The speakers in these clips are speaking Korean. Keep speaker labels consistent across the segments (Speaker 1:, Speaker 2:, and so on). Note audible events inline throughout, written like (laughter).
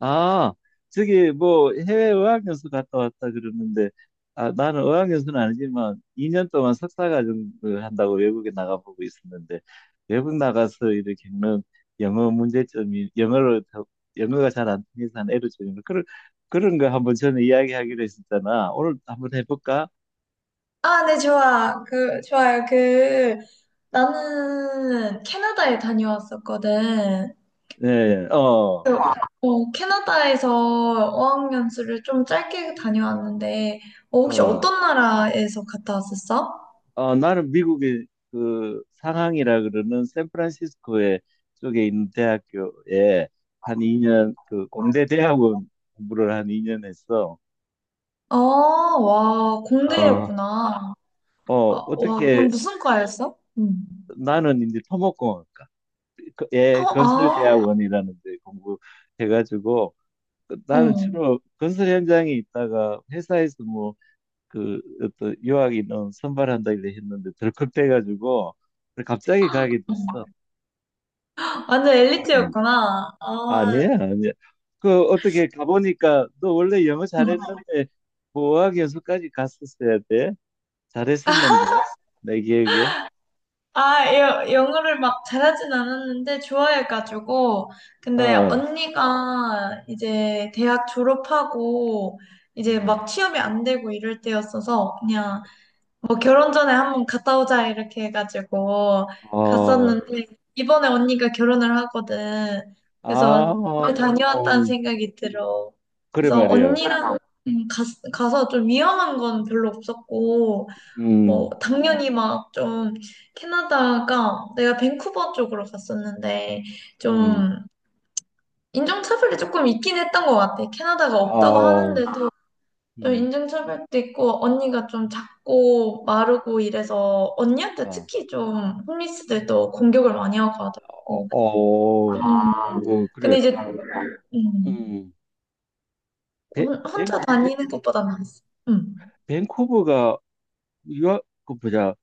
Speaker 1: 아, 저기 뭐 해외 어학연수 갔다 왔다 그러는데, 아, 나는 어학연수는 아니지만 2년 동안 석사과정을 한다고 외국에 나가보고 있었는데, 외국 나가서 이렇게 겪는 영어 문제점이 영어가 잘 안 통해서 한 애로점이 그런 거 한번 전에 이야기하기로 했었잖아. 오늘 한번 해볼까?
Speaker 2: 아, 네, 좋아. 좋아요. 나는 캐나다에 다녀왔었거든.
Speaker 1: 네, 어,
Speaker 2: 캐나다에서 어학연수를 좀 짧게 다녀왔는데, 어, 혹시
Speaker 1: 어.
Speaker 2: 어떤 나라에서 갔다 왔었어?
Speaker 1: 어, 나는 미국의 그 상황이라 그러는 샌프란시스코에 쪽에 있는 대학교에 한 2년 그 공대 대학원 공부를 한 2년 했어.
Speaker 2: 아, 와,
Speaker 1: 어,
Speaker 2: 공대였구나. 아,
Speaker 1: 어,
Speaker 2: 와,
Speaker 1: 어떻게.
Speaker 2: 그럼 무슨 과였어? 응.
Speaker 1: 나는 이제 토목공학과
Speaker 2: 어,
Speaker 1: 예,
Speaker 2: 아,
Speaker 1: 건설대학원이라는 데 공부해가지고
Speaker 2: 어.
Speaker 1: 나는
Speaker 2: 어.
Speaker 1: 주로 건설 현장에 있다가 회사에서 뭐 그 어떤 유학 인원 선발한다 이래 했는데 덜컥 돼가지고 갑자기 가게 됐어.
Speaker 2: 완전 엘리트였구나. 아,
Speaker 1: 아니야, 아니야. 그 어떻게 가보니까 너 원래 영어 잘했는데 보호학 연수까지 갔었어야 돼. 잘했었는데 내 기억에.
Speaker 2: 아, 영어를 막 잘하진 않았는데 좋아해가지고. 근데
Speaker 1: 어,
Speaker 2: 언니가 이제 대학 졸업하고 이제
Speaker 1: 음.
Speaker 2: 막 취업이 안 되고 이럴 때였어서 그냥 뭐 결혼 전에 한번 갔다 오자 이렇게 해가지고
Speaker 1: 어,
Speaker 2: 갔었는데 이번에 언니가 결혼을 하거든.
Speaker 1: 아,
Speaker 2: 그래서 잘
Speaker 1: 어,
Speaker 2: 다녀왔다는 생각이 들어.
Speaker 1: 그래
Speaker 2: 그래서
Speaker 1: 말이야.
Speaker 2: 언니랑 가서 좀 위험한 건 별로 없었고 뭐,
Speaker 1: 음,
Speaker 2: 당연히 막 좀, 캐나다가 내가 밴쿠버 쪽으로 갔었는데,
Speaker 1: 음,
Speaker 2: 좀, 인종차별이 조금 있긴 했던 것 같아. 캐나다가 없다고
Speaker 1: 아,
Speaker 2: 하는데도, 좀
Speaker 1: 음,
Speaker 2: 인종차별도 있고, 언니가 좀 작고 마르고 이래서, 언니한테
Speaker 1: 아,
Speaker 2: 특히 좀, 홈리스들도 공격을 많이 하고
Speaker 1: 어,
Speaker 2: 하더라고.
Speaker 1: 어,
Speaker 2: 좀, 아,
Speaker 1: 아이고
Speaker 2: 근데
Speaker 1: 그래.
Speaker 2: 이제, 음,
Speaker 1: 음, 벤, 벤,
Speaker 2: 혼자
Speaker 1: 벤-
Speaker 2: 다니는 것보다 나았어. 음.
Speaker 1: 벤쿠버가 유학 그 보자.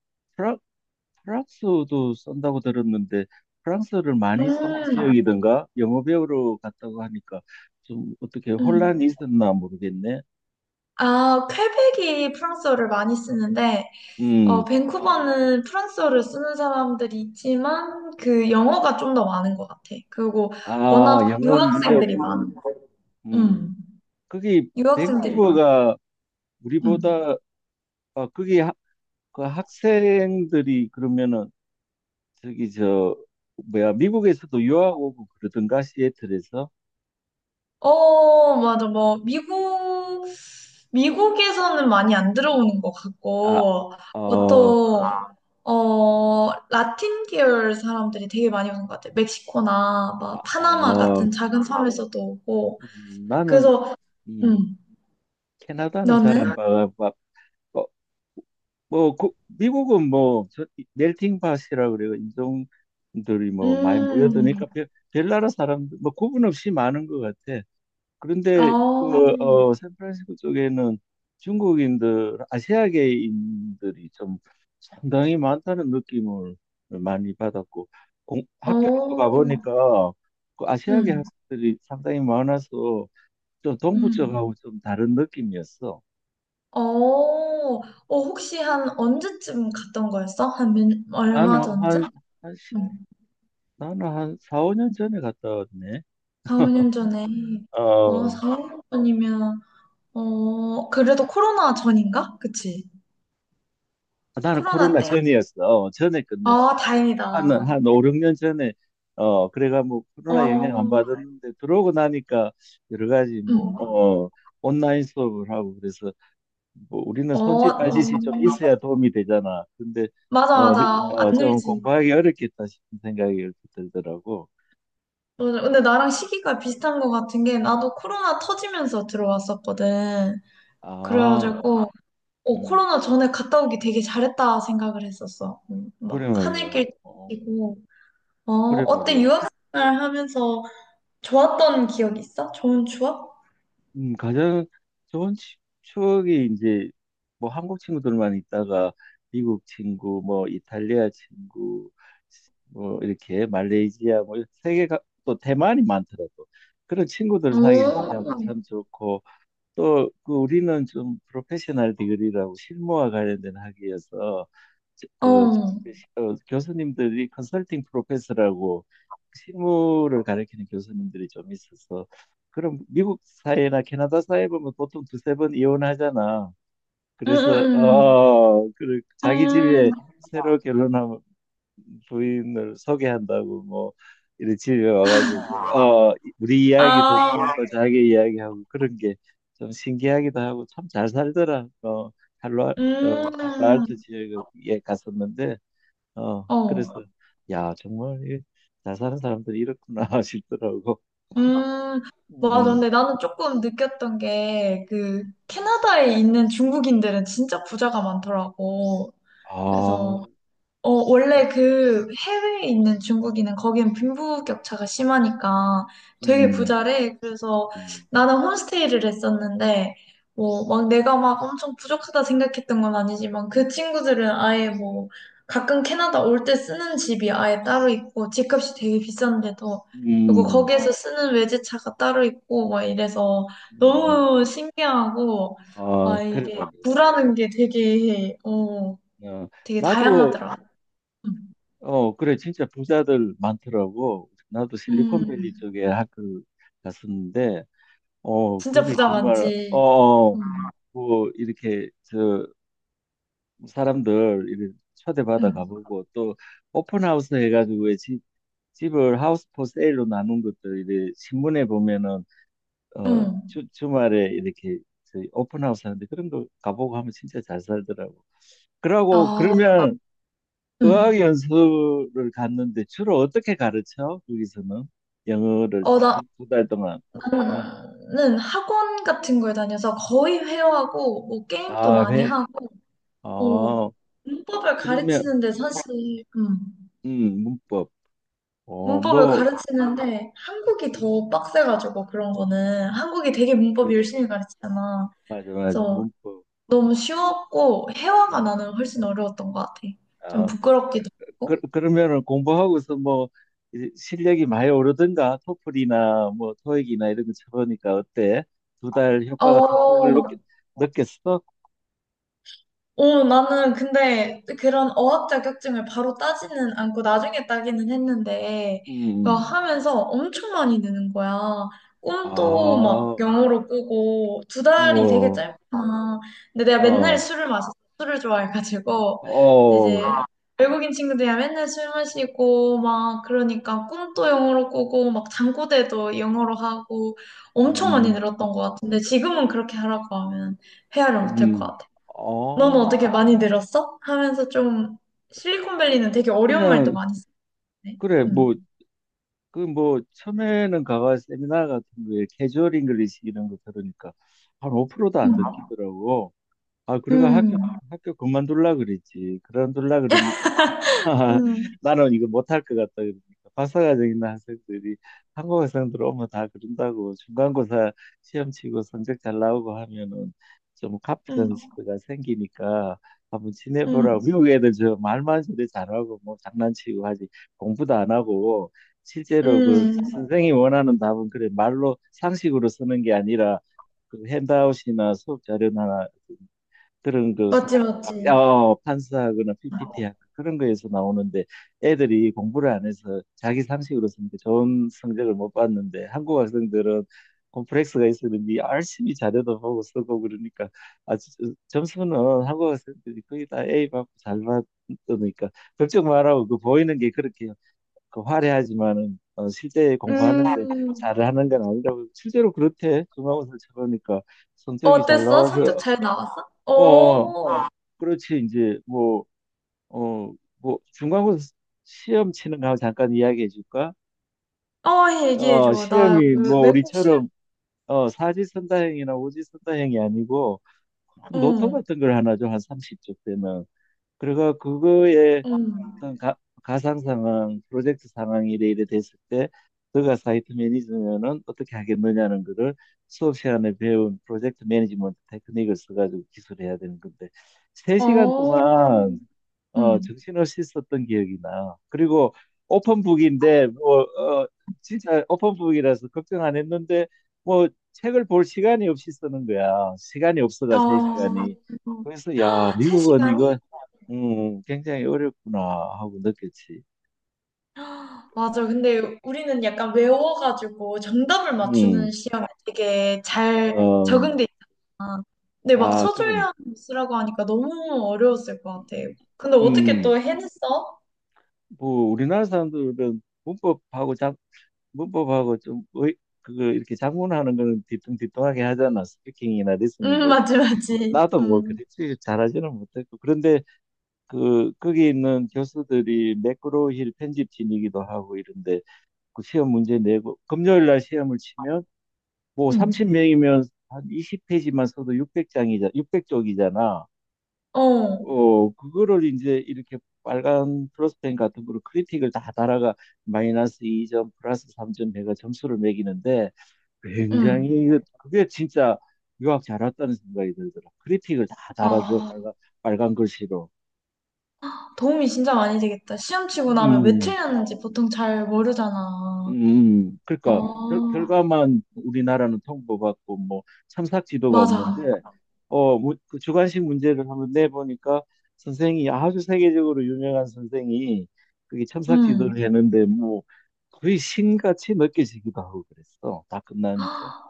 Speaker 1: 프랑스어도 쓴다고 들었는데 프랑스어를 많이 쓰는
Speaker 2: 음,
Speaker 1: 지역이던가? 영어 배우러 갔다고 하니까 좀 어떻게 혼란이
Speaker 2: 음.
Speaker 1: 있었나 모르겠네.
Speaker 2: 아, 퀘벡이 프랑스어를 많이 쓰는데, 어,
Speaker 1: 음,
Speaker 2: 밴쿠버는 프랑스어를 쓰는 사람들이 있지만 그 영어가 좀 더 많은 것 같아. 그리고
Speaker 1: 아,
Speaker 2: 워낙
Speaker 1: 영어는
Speaker 2: 유학생들이
Speaker 1: 문제였군.
Speaker 2: 많아.
Speaker 1: 음,
Speaker 2: 음,
Speaker 1: 거기
Speaker 2: 유학생들이 많아.
Speaker 1: 밴쿠버가
Speaker 2: 음.
Speaker 1: 우리보다 아, 거기 하, 그 학생들이 그러면은 저기 저 뭐야, 미국에서도 유학 오고 그러던가 시애틀에서.
Speaker 2: 어, 맞아. 뭐 미국에서는 많이 안 들어오는 것
Speaker 1: 아,
Speaker 2: 같고
Speaker 1: 어,
Speaker 2: 보통 라틴 계열 사람들이 되게 많이 오는 것 같아. 멕시코나
Speaker 1: 아,
Speaker 2: 막 파나마
Speaker 1: 어,
Speaker 2: 같은 작은 섬에서도 오고.
Speaker 1: 나는
Speaker 2: 그래서
Speaker 1: 음,
Speaker 2: 음,
Speaker 1: 캐나다는 잘 안
Speaker 2: 너는?
Speaker 1: 봐. 어, 뭐, 그- 미국은 뭐, 저, 멜팅 팟이라 그래요. 인종들이 뭐 많이
Speaker 2: 음.
Speaker 1: 모여드니까 별, 별 나라 사람들, 뭐 구분 없이 많은 것 같아. 그런데
Speaker 2: 어,
Speaker 1: 그, 어, 샌프란시스코 쪽에는 중국인들, 아시아계인들이 좀 상당히 많다는 느낌을 많이 받았고, 공, 학교에도
Speaker 2: 어,
Speaker 1: 가보니까 그 아시아계
Speaker 2: 음,
Speaker 1: 학생들이 상당히 많아서 좀 동부
Speaker 2: 음,
Speaker 1: 쪽하고 좀 다른 느낌이었어.
Speaker 2: 어, 어, 혹시 한 언제쯤 갔던 거였어? 한 몇, 얼마
Speaker 1: 나는
Speaker 2: 전쯤?
Speaker 1: 한,
Speaker 2: 음,
Speaker 1: 나는 한 4, 5년 전에 갔다 왔네.
Speaker 2: 4, 5년 전에. 어,
Speaker 1: 어,
Speaker 2: 4, 5년 전이면, 어, 그래도 코로나 전인가? 그치?
Speaker 1: 나는
Speaker 2: 코로나
Speaker 1: 코로나
Speaker 2: 때?
Speaker 1: 전이었어. 어, 전에 끝냈어.
Speaker 2: 아, 다행이다.
Speaker 1: 한 5, 6년 전에, 어, 그래가 뭐
Speaker 2: 어,
Speaker 1: 코로나 영향 안 받았는데 들어오고 나니까 여러 가지 뭐, 어, 온라인 수업을 하고 그래서 뭐 우리는
Speaker 2: 어,
Speaker 1: 손짓 발짓이 좀 있어야 도움이 되잖아. 근데,
Speaker 2: 맞아, 맞아.
Speaker 1: 어,
Speaker 2: 안
Speaker 1: 좀
Speaker 2: 늘지.
Speaker 1: 공부하기 어렵겠다 싶은 생각이 이렇게 들더라고.
Speaker 2: 맞아. 근데 나랑 시기가 비슷한 것 같은 게, 나도 코로나 터지면서 들어왔었거든.
Speaker 1: 아,
Speaker 2: 그래가지고,
Speaker 1: 음,
Speaker 2: 코로나 전에 갔다 오기 되게 잘했다 생각을 했었어.
Speaker 1: 그래
Speaker 2: 막
Speaker 1: 말이야.
Speaker 2: 하늘길
Speaker 1: 어,
Speaker 2: 뛰고. 어,
Speaker 1: 그래
Speaker 2: 어때
Speaker 1: 말이야. 그
Speaker 2: 유학생활 하면서 좋았던 기억 있어? 좋은 추억?
Speaker 1: 가장 좋은 추억이 이제 뭐 한국 친구들만 있다가 미국 친구, 뭐 이탈리아 친구, 뭐 이렇게 말레이시아, 뭐 세계가, 또 대만이 많더라고. 그런 친구들 사귄 게참 참
Speaker 2: 오.
Speaker 1: 참 좋고, 또 그 우리는 좀 프로페셔널 디그리라고 실무와 관련된 학위여서 저-
Speaker 2: 어.
Speaker 1: 그 어, 교수님들이 컨설팅 프로페서라고 실무를 가르치는 교수님들이 좀 있어서, 그럼 미국 사회나 캐나다 사회 보면 보통 두세 번 이혼하잖아. 그래서
Speaker 2: 음,
Speaker 1: 어, 그 자기 집에
Speaker 2: 음.
Speaker 1: 새로 결혼하면 부인을 소개한다고 뭐 이런 집에 와가지고 어 우리 이야기 듣고
Speaker 2: 아.
Speaker 1: 또 자기 이야기하고 그런 게 좀 신기하기도 하고 참 잘 살더라. 어, 할로 어
Speaker 2: 음.
Speaker 1: 할로알토 지역에 갔었는데 어, 그래서
Speaker 2: 어.
Speaker 1: 야 정말 이잘 사는 사람들이 이렇구나 (laughs) 싶더라고.
Speaker 2: 음. 맞아.
Speaker 1: 음.
Speaker 2: 근데 나는 조금 느꼈던 게 그 캐나다에 있는 중국인들은 진짜 부자가 많더라고.
Speaker 1: 아.
Speaker 2: 그래서 원래 그 해외에 있는 중국인은 거기는 빈부격차가 심하니까 되게
Speaker 1: 음.
Speaker 2: 부자래. 그래서
Speaker 1: 음.
Speaker 2: 나는 홈스테이를 했었는데, 뭐, 막 내가 막 엄청 부족하다 생각했던 건 아니지만 그 친구들은 아예 뭐 가끔 캐나다 올 때 쓰는 집이 아예 따로 있고 집값이 되게 비싼데도 그리고
Speaker 1: 음.
Speaker 2: 거기에서 쓰는 외제차가 따로 있고 막 이래서
Speaker 1: 음.
Speaker 2: 너무 신기하고
Speaker 1: 아,
Speaker 2: 아
Speaker 1: 그래
Speaker 2: 이게
Speaker 1: 말이야.
Speaker 2: 부라는 게 되게
Speaker 1: 어,
Speaker 2: 되게
Speaker 1: 나도
Speaker 2: 다양하더라.
Speaker 1: 어, 그래, 진짜 부자들 많더라고. 나도 실리콘밸리
Speaker 2: 음,
Speaker 1: 쪽에 학교 갔었는데, 어,
Speaker 2: 진짜
Speaker 1: 그게
Speaker 2: 부자
Speaker 1: 정말, 어,
Speaker 2: 많지.
Speaker 1: 어,
Speaker 2: 음,
Speaker 1: 뭐, 이렇게, 저, 사람들 이렇게 초대받아
Speaker 2: 음,
Speaker 1: 가보고, 또, 오픈하우스 해가지고, 왜 집을 하우스 포 세일로 나눈 것들, 이제, 신문에 보면은, 어,
Speaker 2: 음.
Speaker 1: 주말에 이렇게, 저 오픈하우스 하는데, 그런 거 가보고 하면 진짜 잘 살더라고. 그러고,
Speaker 2: 아,
Speaker 1: 그러면, 어학
Speaker 2: 음.
Speaker 1: 연수를 갔는데 주로 어떻게 가르쳐? 거기서는 영어를
Speaker 2: 어, 나,
Speaker 1: 두 달 동안.
Speaker 2: 나는 학원 같은 걸 다녀서 거의 회화하고, 뭐, 게임도
Speaker 1: 아,
Speaker 2: 많이
Speaker 1: 회.
Speaker 2: 하고, 어,
Speaker 1: 어,
Speaker 2: 문법을
Speaker 1: 그러면
Speaker 2: 가르치는데 사실,
Speaker 1: 문법. 어,
Speaker 2: 문법을
Speaker 1: 뭐
Speaker 2: 가르치는데 한국이 더 빡세가지고 그런 거는 한국이 되게 문법
Speaker 1: 그렇지.
Speaker 2: 열심히 가르치잖아.
Speaker 1: 맞아, 맞아.
Speaker 2: 그래서
Speaker 1: 문법.
Speaker 2: 너무 쉬웠고, 회화가
Speaker 1: 어.
Speaker 2: 나는 훨씬 어려웠던 것 같아. 좀
Speaker 1: 아,
Speaker 2: 부끄럽기도 하고.
Speaker 1: 그러면은 공부하고서 뭐 이제 실력이 많이 오르든가 토플이나 뭐 토익이나 이런 거 쳐보니까 어때? 두 달 효과가 톡톡을
Speaker 2: 어,
Speaker 1: 느꼈어?
Speaker 2: 어, 나는 근데 그런 어학 자격증을 바로 따지는 않고 나중에 따기는 했는데, 그
Speaker 1: 음. 음.
Speaker 2: 하면서 엄청 많이 느는 거야. 꿈도 막
Speaker 1: 아,
Speaker 2: 영어로 꾸고, 두 달이 되게
Speaker 1: 우와.
Speaker 2: 짧구나. 근데 내가 맨날
Speaker 1: 어.
Speaker 2: 술을 마셨어. 술을 좋아해가지고, 이제
Speaker 1: 어.
Speaker 2: 외국인 친구들이랑 맨날 술 마시고, 막 그러니까 꿈도 영어로 꾸고, 막 잠꼬대도 영어로 하고, 엄청 많이
Speaker 1: 음.
Speaker 2: 늘었던 것 같은데, 지금은 그렇게 하라고 하면 헤아를 못할 것
Speaker 1: 음,
Speaker 2: 같아. 너는
Speaker 1: 어,
Speaker 2: 어떻게 많이 늘었어? 하면서 좀 실리콘밸리는
Speaker 1: 뭐
Speaker 2: 되게 어려운 말도
Speaker 1: 그냥,
Speaker 2: 많이 쓰네.
Speaker 1: 그래, 뭐,
Speaker 2: 음.
Speaker 1: 그 뭐, 처음에는 가가 세미나 같은 거에 캐주얼 잉글리시 이런 거 들으니까 한 5%도 안
Speaker 2: 음.
Speaker 1: 듣기더라고. 아, 그래가
Speaker 2: 음,
Speaker 1: 학교 그만둘라 그랬지. 그만둘라 그러니까
Speaker 2: 음.
Speaker 1: (laughs) 나는 이거 못할 것 같다 그러니까 박사과정 있는 학생들이 한국 학생들 오면 다 그런다고 중간고사 시험 치고 성적 잘 나오고 하면은 좀
Speaker 2: 음.
Speaker 1: 카피던스가 생기니까 한번
Speaker 2: 음.
Speaker 1: 지내보라고. 미국 애들 저 말만 저리 잘하고 뭐 장난치고 하지 공부도 안 하고, 실제로 그
Speaker 2: 음.
Speaker 1: 선생이 원하는 답은 그래 말로 상식으로 쓰는 게 아니라 그 핸드아웃이나 수업 자료나 그런 그
Speaker 2: 맞지, 맞지.
Speaker 1: 어, 판사하거나 PPT하고 그런 거에서 나오는데 애들이 공부를 안 해서 자기 상식으로 쓰니까 좋은 성적을 못 봤는데 한국 학생들은 콤플렉스가 있었는지 열심히 자료도 보고 쓰고 그러니까 아, 점수는 한국 학생들이 거의 다 A 받고 잘 받으니까 걱정 말라고. 그 보이는 게 그렇게 그 화려하지만은 어, 실제 공부하는데
Speaker 2: 음.
Speaker 1: 잘하는 건 아니라고. 실제로 그렇대. 중간고사를 쳐보니까 성적이 잘
Speaker 2: 어땠어? 성적
Speaker 1: 나와서
Speaker 2: 잘 나왔어?
Speaker 1: 어,
Speaker 2: 어.
Speaker 1: 그렇지 이제 뭐, 어 뭐 중간고사 시험 치는 거 잠깐 이야기해 줄까?
Speaker 2: 어,
Speaker 1: 어,
Speaker 2: 얘기해줘. 나
Speaker 1: 시험이
Speaker 2: 그
Speaker 1: 뭐
Speaker 2: 외국 시험.
Speaker 1: 우리처럼 어 사지선다형이나 오지선다형이 아니고 큰 노트
Speaker 2: 어.
Speaker 1: 같은 걸 하나 좀 한 30쪽 되면 그래가 그거에
Speaker 2: 어.
Speaker 1: 어떤 가상 상황, 프로젝트 상황 이래 이래 됐을 때 너가 사이트 매니저면은 어떻게 하겠느냐는 거를 수업 시간에 배운 프로젝트 매니지먼트 테크닉을 써가지고 기술해야 되는 건데 세시간
Speaker 2: 어.
Speaker 1: 동안 어,
Speaker 2: 음.
Speaker 1: 정신을 씻었던 기억이 나. 그리고 오픈북인데 뭐, 어, 진짜 오픈북이라서 걱정 안 했는데 뭐 책을 볼 시간이 없이 쓰는 거야. 시간이 없어가 세 시간이.
Speaker 2: 어.
Speaker 1: 그래서 야,
Speaker 2: 세시
Speaker 1: 미국은
Speaker 2: 간이
Speaker 1: 이거 굉장히 어렵구나 하고 느꼈지.
Speaker 2: 맞아. 근데 우리는 약간 외워가지고 정답을 맞추는
Speaker 1: 음.
Speaker 2: 시험에 되게
Speaker 1: 아,
Speaker 2: 잘
Speaker 1: 어,
Speaker 2: 적응돼 있잖아. 근데 막
Speaker 1: 아, 그런.
Speaker 2: 서술형 쓰라고 하니까 너무 어려웠을 것 같아. 근데 어떻게
Speaker 1: 음.
Speaker 2: 또 해냈어?
Speaker 1: 뭐 우리나라 사람들은 문법하고 좀 의, 그거 이렇게 작문하는 거는 뒤뚱뒤뚱하게 하잖아. 스피킹이나
Speaker 2: (laughs)
Speaker 1: 리스닝보다.
Speaker 2: 맞지, 맞지.
Speaker 1: 나도 뭐 그렇지 잘하지는 못했고 그런데 그 거기 있는 교수들이 매크로힐 편집진이기도 하고 이런데 그 시험 문제 내고 금요일 날 시험을 치면 뭐
Speaker 2: 음,
Speaker 1: 30명이면 한 20페이지만 써도 600장이자 600쪽이잖아.
Speaker 2: 어,
Speaker 1: 어, 그거를 이제 이렇게 빨간 플러스펜 같은 거로 크리틱을 다 달아가 마이너스 2점 플러스 3점 해가 점수를 매기는데
Speaker 2: 음.
Speaker 1: 굉장히 그게 진짜 유학 잘 왔다는 생각이 들더라. 크리틱을 다 달아줘
Speaker 2: 아,
Speaker 1: 빨간 글씨로.
Speaker 2: 도움이 진짜 많이 되겠다. 시험 치고 나면 왜
Speaker 1: 음,
Speaker 2: 틀렸는지 보통 잘 모르잖아.
Speaker 1: 그러니까
Speaker 2: 어,
Speaker 1: 결과만 우리나라는 통보받고 뭐 참삭 지도가
Speaker 2: 맞아.
Speaker 1: 없는데, 어, 뭐, 그 주관식 문제를 한번 내보니까 선생이 아주 세계적으로 유명한 선생이 그게 참삭 지도를
Speaker 2: 음.
Speaker 1: 했는데 뭐 거의 신같이 느껴지기도 하고 그랬어. 다 끝나니까.
Speaker 2: (gasps)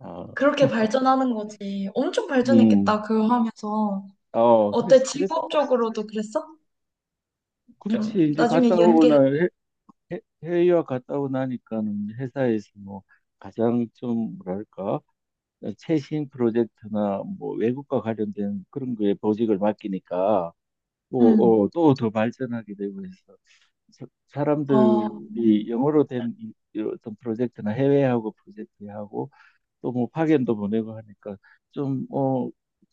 Speaker 1: 어,
Speaker 2: 그렇게 발전하는 거지. 엄청
Speaker 1: 음,
Speaker 2: 발전했겠다, 그거 하면서.
Speaker 1: 어,
Speaker 2: 어때?
Speaker 1: 그래서
Speaker 2: 직업적으로도 그랬어? 좀
Speaker 1: 그렇지. 이제
Speaker 2: 나중에
Speaker 1: 갔다
Speaker 2: 응.
Speaker 1: 오고
Speaker 2: 연계.
Speaker 1: 나 해외유학 갔다 오고 나니까는 회사에서 뭐 가장 좀 뭐랄까 최신 프로젝트나 뭐 외국과 관련된 그런 거에 보직을 맡기니까
Speaker 2: 응.
Speaker 1: 뭐또 더 발전하게 되고 해서
Speaker 2: 어,
Speaker 1: 사람들이 영어로 된 이 어떤 프로젝트나 해외하고 프로젝트하고 또 뭐 파견도 보내고 하니까 좀어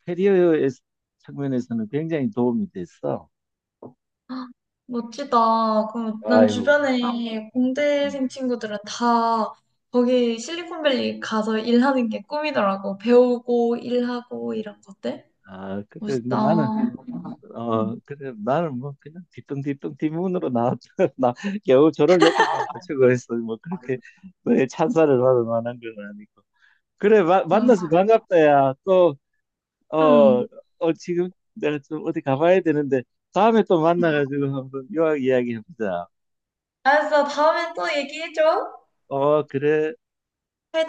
Speaker 1: 캐리어의 측면에서는 굉장히 도움이 됐어.
Speaker 2: 멋지다. 그럼 난
Speaker 1: 아이고.
Speaker 2: 주변에
Speaker 1: 음.
Speaker 2: 공대생 친구들은 다 거기 실리콘밸리 가서 일하는 게 꿈이더라고. 배우고 일하고 이런 것들.
Speaker 1: 아, 그래. 뭐
Speaker 2: 멋있다.
Speaker 1: 나는 어,
Speaker 2: 응.
Speaker 1: 그래, 나는 뭐, 그냥 뒤뚱뒤뚱 뒷문으로 나왔다. (laughs) 나 겨우 졸업 요건만 갖추고했어. 뭐, 그렇게 너의 찬사를 받을 만한 건 아니고. 그래,
Speaker 2: 아,
Speaker 1: 만나서 반갑다, 야. 또, 어,
Speaker 2: 음.
Speaker 1: 어, 지금 내가 좀 어디 가봐야 되는데, 다음에 또 만나가지고 한번 유학 이야기 해보자.
Speaker 2: 알았어. 다음에 또 얘기해줘.
Speaker 1: 어, 그래.
Speaker 2: 잘